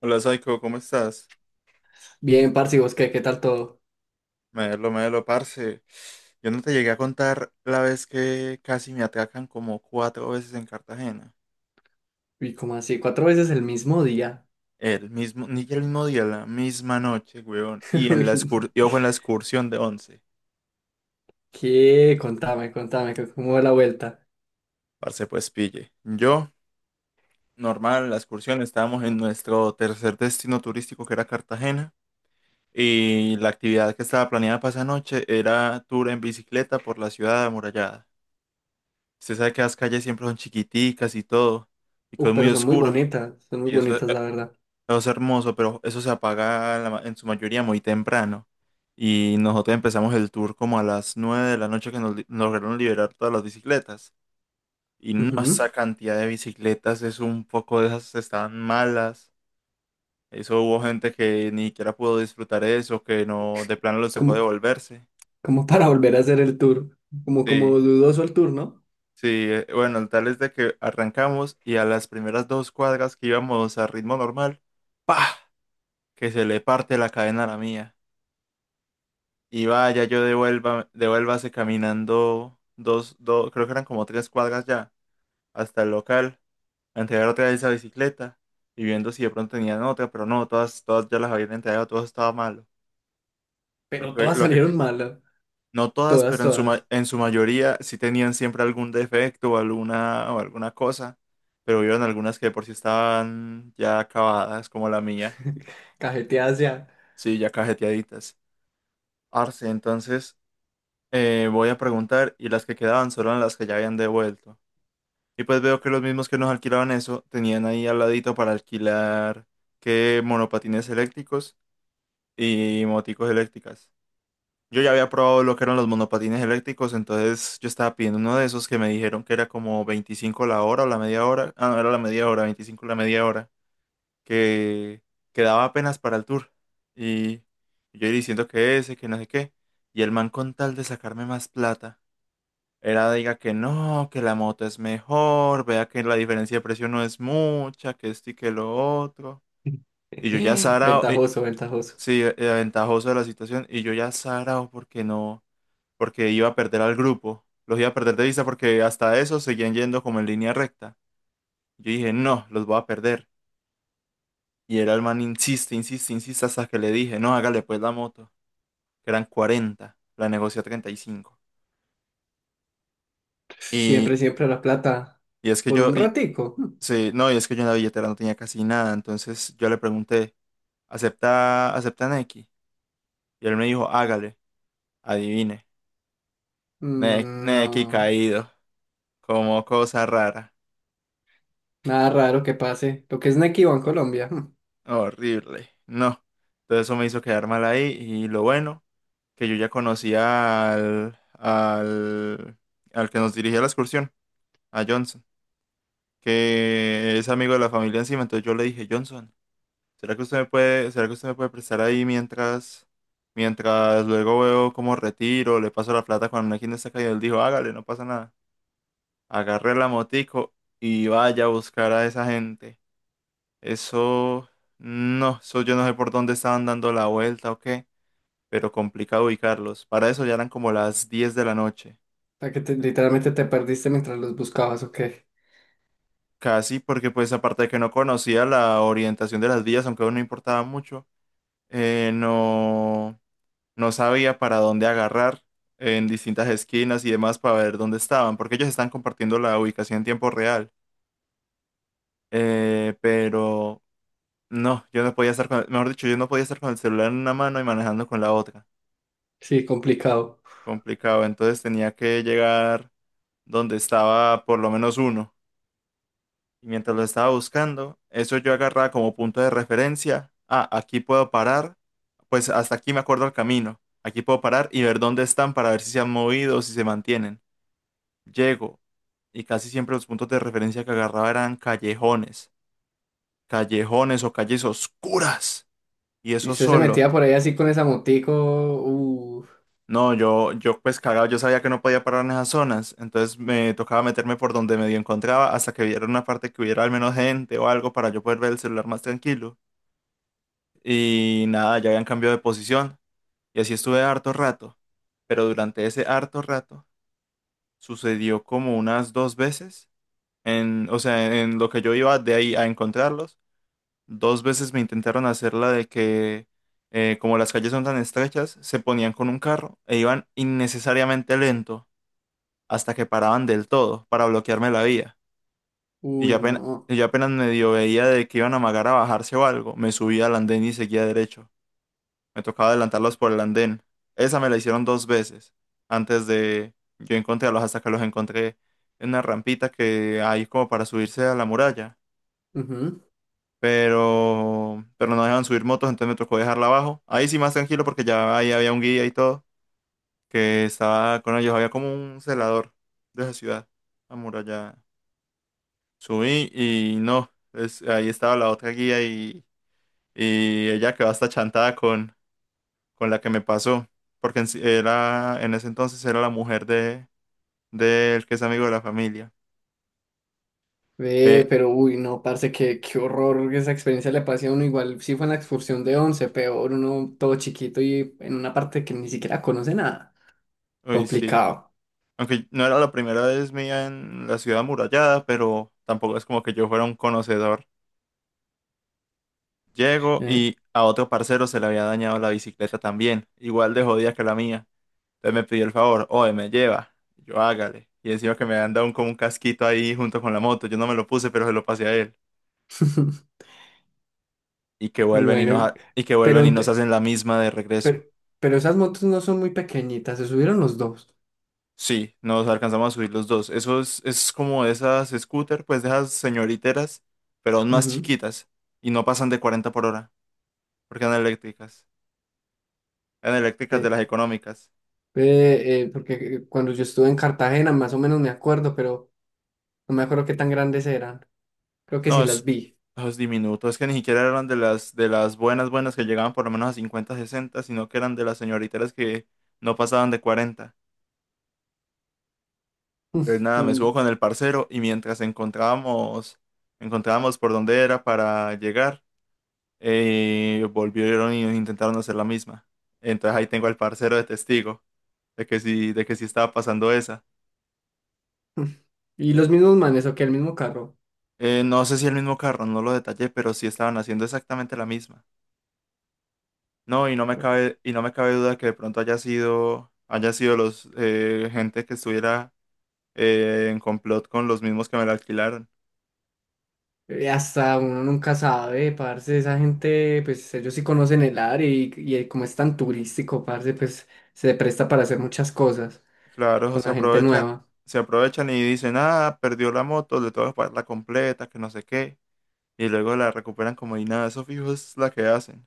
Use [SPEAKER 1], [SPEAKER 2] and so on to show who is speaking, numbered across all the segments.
[SPEAKER 1] Hola Saiko, ¿cómo estás?
[SPEAKER 2] Bien, parce, ¿y vos qué tal todo?
[SPEAKER 1] Melo, melo, parce. Yo no te llegué a contar la vez que casi me atacan como cuatro veces en Cartagena.
[SPEAKER 2] Uy, cómo así, ¿cuatro veces el mismo día?
[SPEAKER 1] El mismo, ni el mismo día, la misma noche, weón. Y en la
[SPEAKER 2] Uy,
[SPEAKER 1] yo fue en la excursión de 11.
[SPEAKER 2] ¿qué? Contame, ¿cómo va la vuelta?
[SPEAKER 1] Parce, pues pille. Yo, normal, en la excursión estábamos en nuestro tercer destino turístico que era Cartagena. Y la actividad que estaba planeada para esa noche era tour en bicicleta por la ciudad amurallada. Usted sabe que las calles siempre son chiquiticas y todo, y que
[SPEAKER 2] Uf,
[SPEAKER 1] es muy
[SPEAKER 2] pero son muy
[SPEAKER 1] oscuro.
[SPEAKER 2] bonitas, son muy
[SPEAKER 1] Y eso,
[SPEAKER 2] bonitas, la verdad.
[SPEAKER 1] eso es hermoso, pero eso se apaga en la en su mayoría muy temprano. Y nosotros empezamos el tour como a las 9 de la noche que nos, nos lograron liberar todas las bicicletas. Y no, esa
[SPEAKER 2] Ujú.
[SPEAKER 1] cantidad de bicicletas es un poco de esas estaban malas. Eso hubo gente que ni siquiera pudo disfrutar eso, que no, de plano les tocó
[SPEAKER 2] Como,
[SPEAKER 1] devolverse.
[SPEAKER 2] como para volver a hacer el tour, como
[SPEAKER 1] Sí.
[SPEAKER 2] dudoso el tour, ¿no?
[SPEAKER 1] Sí, bueno, el tal es de que arrancamos y a las primeras dos cuadras que íbamos a ritmo normal, ¡pah! Que se le parte la cadena a la mía. Y vaya, yo devuelva, devuélvase caminando dos, dos, creo que eran como tres cuadras ya, hasta el local, a entregar otra vez esa bicicleta y viendo si de pronto tenían otra, pero no, todas, todas ya las habían entregado, todo estaba malo. Lo
[SPEAKER 2] Pero
[SPEAKER 1] que,
[SPEAKER 2] todas
[SPEAKER 1] lo que,
[SPEAKER 2] salieron malas,
[SPEAKER 1] No todas,
[SPEAKER 2] todas,
[SPEAKER 1] pero en su,
[SPEAKER 2] todas.
[SPEAKER 1] en su mayoría sí tenían siempre algún defecto o alguna cosa, pero hubieron algunas que de por sí estaban ya acabadas, como la mía,
[SPEAKER 2] Cajeteadas ya.
[SPEAKER 1] sí, ya cajeteaditas. Arce, entonces voy a preguntar y las que quedaban solo eran las que ya habían devuelto. Y pues veo que los mismos que nos alquilaban eso tenían ahí al ladito para alquilar que monopatines eléctricos y moticos eléctricas. Yo ya había probado lo que eran los monopatines eléctricos, entonces yo estaba pidiendo uno de esos que me dijeron que era como 25 la hora o la media hora. Ah, no, era la media hora, 25 la media hora, que quedaba apenas para el tour. Y yo diciendo que ese, que no sé qué. Y el man con tal de sacarme más plata, era diga que no, que la moto es mejor, vea que la diferencia de precio no es mucha, que esto y que lo otro. Y yo ya sarao,
[SPEAKER 2] Ventajoso.
[SPEAKER 1] sí, ventajoso de la situación, y yo ya sarao porque no porque iba a perder al grupo. Los iba a perder de vista porque hasta eso seguían yendo como en línea recta. Yo dije, no, los voy a perder. Y era el man insiste, insiste, insiste hasta que le dije, no, hágale pues la moto, que eran 40, la negocié a 35. Y,
[SPEAKER 2] Siempre,
[SPEAKER 1] cinco.
[SPEAKER 2] siempre la plata.
[SPEAKER 1] Y es que
[SPEAKER 2] ¿Por un ratico?
[SPEAKER 1] sí, no, y es que yo en la billetera no tenía casi nada, entonces yo le pregunté, ¿Acepta Nequi? Y él me dijo, hágale, adivine, Nequi
[SPEAKER 2] No,
[SPEAKER 1] caído, como cosa rara.
[SPEAKER 2] nada raro que pase. Lo que es Nequi en Colombia.
[SPEAKER 1] Horrible. No. Entonces eso me hizo quedar mal ahí y lo bueno, que yo ya conocía al que nos dirigía la excursión, a Johnson, que es amigo de la familia encima. Entonces yo le dije, Johnson, ¿será que usted me puede, será que usted me puede prestar ahí mientras, mientras luego veo cómo retiro, le paso la plata cuando alguien está caído? Él dijo, hágale, no pasa nada. Agarré la motico y vaya a buscar a esa gente. Eso, no, eso yo no sé por dónde estaban dando la vuelta o qué, pero complicado ubicarlos. Para eso ya eran como las 10 de la noche.
[SPEAKER 2] Sea, que literalmente te perdiste mientras los buscabas, ok.
[SPEAKER 1] Casi porque pues aparte de que no conocía la orientación de las vías, aunque aún no importaba mucho, no, no sabía para dónde agarrar en distintas esquinas y demás para ver dónde estaban, porque ellos están compartiendo la ubicación en tiempo real. Pero no, yo no podía estar con, mejor dicho, yo no podía estar con el celular en una mano y manejando con la otra.
[SPEAKER 2] Sí, complicado.
[SPEAKER 1] Complicado. Entonces tenía que llegar donde estaba por lo menos uno. Y mientras lo estaba buscando, eso yo agarraba como punto de referencia. Ah, aquí puedo parar. Pues hasta aquí me acuerdo el camino. Aquí puedo parar y ver dónde están para ver si se han movido o si se mantienen. Llego y casi siempre los puntos de referencia que agarraba eran callejones, callejones o calles oscuras. Y
[SPEAKER 2] Y
[SPEAKER 1] eso
[SPEAKER 2] usted se
[SPEAKER 1] solo.
[SPEAKER 2] metía por ahí así con esa motico. Uh,
[SPEAKER 1] No, yo pues cagado, yo sabía que no podía parar en esas zonas, entonces me tocaba meterme por donde medio encontraba hasta que hubiera una parte que hubiera al menos gente o algo para yo poder ver el celular más tranquilo. Y nada, ya habían cambiado de posición y así estuve harto rato, pero durante ese harto rato sucedió como unas dos veces, en, o sea, en lo que yo iba de ahí a encontrarlos, dos veces me intentaron hacer la de que como las calles son tan estrechas, se ponían con un carro e iban innecesariamente lento, hasta que paraban del todo para bloquearme la vía. Y
[SPEAKER 2] uy, no.
[SPEAKER 1] yo apenas medio veía de que iban a amagar a bajarse o algo. Me subía al andén y seguía derecho. Me tocaba adelantarlos por el andén. Esa me la hicieron dos veces antes de yo encontrarlos, hasta que los encontré en una rampita que hay como para subirse a la muralla.
[SPEAKER 2] Ujú.
[SPEAKER 1] Pero no dejaban subir motos, entonces me tocó dejarla abajo. Ahí sí más tranquilo porque ya ahí había un guía y todo, que estaba con ellos, había como un celador de esa ciudad amurallada. Subí y no, es, ahí estaba la otra guía y ella quedó hasta chantada con la que me pasó, porque en, era, en ese entonces era la mujer de, del que es amigo de la familia.
[SPEAKER 2] Ve,
[SPEAKER 1] Eh,
[SPEAKER 2] pero uy, no, parce, qué horror esa experiencia le pasé a uno. Igual sí fue en la excursión de 11, peor uno todo chiquito y en una parte que ni siquiera conoce nada.
[SPEAKER 1] uy, sí.
[SPEAKER 2] Complicado.
[SPEAKER 1] Aunque no era la primera vez mía en la ciudad amurallada, pero tampoco es como que yo fuera un conocedor. Llego
[SPEAKER 2] Eh,
[SPEAKER 1] y a otro parcero se le había dañado la bicicleta también, igual de jodida que la mía. Entonces me pidió el favor, oye, me lleva, yo hágale. Y encima que me han dado un, como un casquito ahí junto con la moto, yo no me lo puse, pero se lo pasé a él. Y que vuelven y
[SPEAKER 2] Bueno,
[SPEAKER 1] y que
[SPEAKER 2] pero,
[SPEAKER 1] vuelven y
[SPEAKER 2] ent-
[SPEAKER 1] nos hacen la misma de
[SPEAKER 2] per-
[SPEAKER 1] regreso.
[SPEAKER 2] pero, esas motos no son muy pequeñitas, se subieron los dos.
[SPEAKER 1] Sí, nos alcanzamos a subir los dos. Es como esas scooter, pues de esas señoriteras, pero aún más
[SPEAKER 2] Ujú.
[SPEAKER 1] chiquitas. Y no pasan de 40 por hora, porque eran eléctricas. Eran eléctricas de las económicas.
[SPEAKER 2] Porque cuando yo estuve en Cartagena, más o menos me acuerdo, pero no me acuerdo qué tan grandes eran. Creo que
[SPEAKER 1] No,
[SPEAKER 2] sí las
[SPEAKER 1] es,
[SPEAKER 2] vi.
[SPEAKER 1] no, es diminuto. Es que ni siquiera eran de de las buenas, buenas que llegaban por lo menos a 50 60, sino que eran de las señoriteras que no pasaban de 40. Entonces nada, me subo
[SPEAKER 2] Mm,
[SPEAKER 1] con el parcero y mientras encontrábamos, encontrábamos por dónde era para llegar, volvieron y intentaron hacer la misma. Entonces ahí tengo al parcero de testigo de que sí estaba pasando esa.
[SPEAKER 2] mm. Y los mismos manes, o que el mismo carro.
[SPEAKER 1] No sé si el mismo carro, no lo detallé, pero sí estaban haciendo exactamente la misma. No,
[SPEAKER 2] Bueno,
[SPEAKER 1] y no me cabe duda que de pronto haya sido los gente que estuviera en complot con los mismos que me la alquilaron.
[SPEAKER 2] hasta uno nunca sabe, parce, esa gente, pues ellos sí conocen el área y como es tan turístico, parce, pues se presta para hacer muchas cosas
[SPEAKER 1] Claro,
[SPEAKER 2] con la gente nueva.
[SPEAKER 1] se aprovechan y dicen, ah, perdió la moto, le tengo que pagar la completa, que no sé qué. Y luego la recuperan como y nada, eso fijo es la que hacen.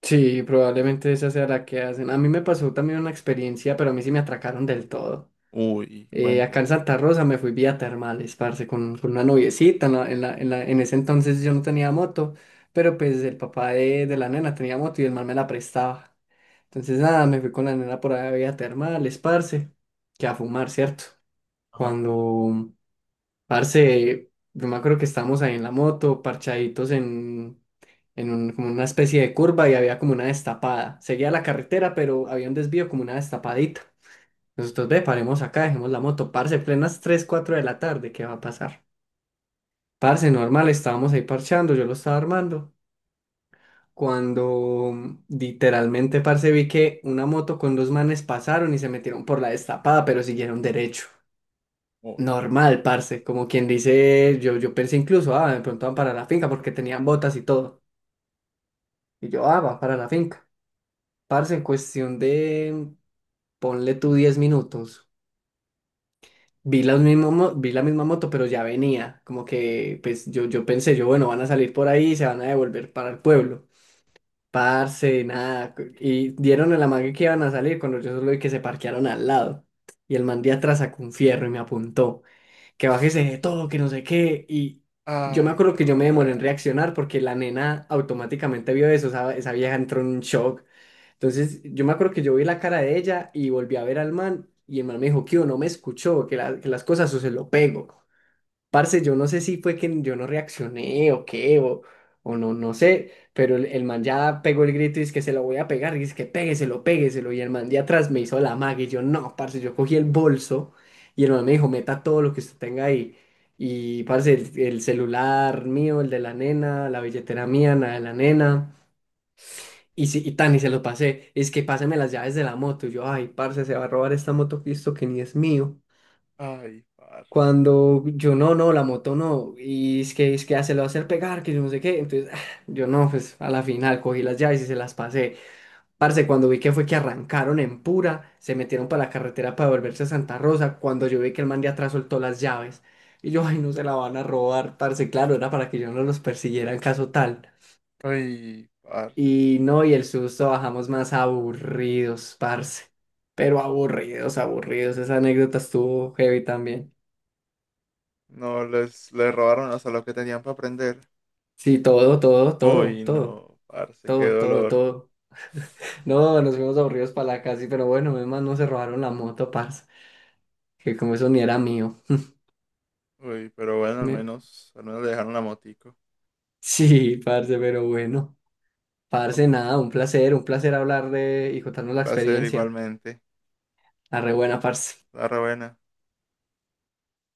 [SPEAKER 2] Sí, probablemente esa sea la que hacen. A mí me pasó también una experiencia, pero a mí sí me atracaron del todo.
[SPEAKER 1] Uy,
[SPEAKER 2] Acá
[SPEAKER 1] cuénteme.
[SPEAKER 2] en Santa Rosa me fui vía termales, parce, con una noviecita. En ese entonces yo no tenía moto, pero pues el papá de la nena tenía moto y el man me la prestaba. Entonces nada, me fui con la nena por allá vía termales, parce, que a fumar, ¿cierto?
[SPEAKER 1] Ajá,
[SPEAKER 2] Cuando, parce, yo me acuerdo que estábamos ahí en la moto, parchaditos en como una especie de curva y había como una destapada. Seguía la carretera, pero había un desvío como una destapadita. Nosotros ve, paremos acá, dejemos la moto, parce, plenas 3 4 de la tarde, ¿qué va a pasar? Parce, normal, estábamos ahí parchando, yo lo estaba armando, cuando literalmente, parce, vi que una moto con dos manes pasaron y se metieron por la destapada, pero siguieron derecho.
[SPEAKER 1] uy.
[SPEAKER 2] Normal, parce, como quien dice, yo pensé incluso, ah, de pronto van para la finca porque tenían botas y todo. Y yo, ah, va para la finca. Parce, en cuestión de, ponle tú 10 minutos. Vi vi la misma moto, pero ya venía. Como que, pues yo pensé, yo, bueno, van a salir por ahí y se van a devolver para el pueblo. Parce, nada. Y dieron el amague que iban a salir cuando yo solo vi que se parquearon al lado. Y el man de atrás sacó un fierro y me apuntó. Que bájese de todo, que no sé qué. Y yo me
[SPEAKER 1] Ay,
[SPEAKER 2] acuerdo que yo me demoré en
[SPEAKER 1] gonorrea.
[SPEAKER 2] reaccionar porque la nena automáticamente vio eso. Esa vieja entró en un shock. Entonces, yo me acuerdo que yo vi la cara de ella y volví a ver al man y el man me dijo, Kio, no me escuchó, que, que las cosas o se lo pego. Parce, yo no sé si fue que yo no reaccioné o qué, o no, no sé, pero el man ya pegó el grito y es que se lo voy a pegar, y es que pégueselo. Y el man de atrás me hizo la magia y yo, no, parce, yo cogí el bolso y el man me dijo, meta todo lo que usted tenga ahí. Y parce, el celular mío, el de la nena, la billetera mía, la de la nena. Y, si, y tan, y se lo pasé. Es que pásame las llaves de la moto. Y yo, ay, parce, se va a robar esta moto Cristo que ni es mío.
[SPEAKER 1] Ay, parce.
[SPEAKER 2] Cuando yo, no, la moto no. Y es que ya se lo va a hacer pegar, que yo no sé qué. Entonces, ah, yo no, pues a la final cogí las llaves y se las pasé. Parce, cuando vi que fue que arrancaron en pura, se metieron para la carretera para volverse a Santa Rosa. Cuando yo vi que el man de atrás soltó las llaves. Y yo, ay, no se la van a robar, parce. Claro, era para que yo no los persiguiera en caso tal.
[SPEAKER 1] Ay, parce.
[SPEAKER 2] Y no, y el susto bajamos más aburridos, parce. Pero aburridos, aburridos. Esa anécdota estuvo heavy también.
[SPEAKER 1] No, les robaron hasta lo que tenían para aprender.
[SPEAKER 2] Sí, todo, todo, todo,
[SPEAKER 1] Uy,
[SPEAKER 2] todo,
[SPEAKER 1] no, parce, qué
[SPEAKER 2] todo, todo,
[SPEAKER 1] dolor.
[SPEAKER 2] todo. No, nos fuimos aburridos para la casa, pero bueno, además no se robaron la moto, parce. Que como eso ni era mío.
[SPEAKER 1] Uy, pero bueno,
[SPEAKER 2] Me-
[SPEAKER 1] al menos le dejaron la motico.
[SPEAKER 2] Sí, parce, pero bueno.
[SPEAKER 1] Bueno,
[SPEAKER 2] Parce, nada, un placer hablar de y contarnos la
[SPEAKER 1] placer
[SPEAKER 2] experiencia.
[SPEAKER 1] igualmente.
[SPEAKER 2] La re buena, parce.
[SPEAKER 1] La buena.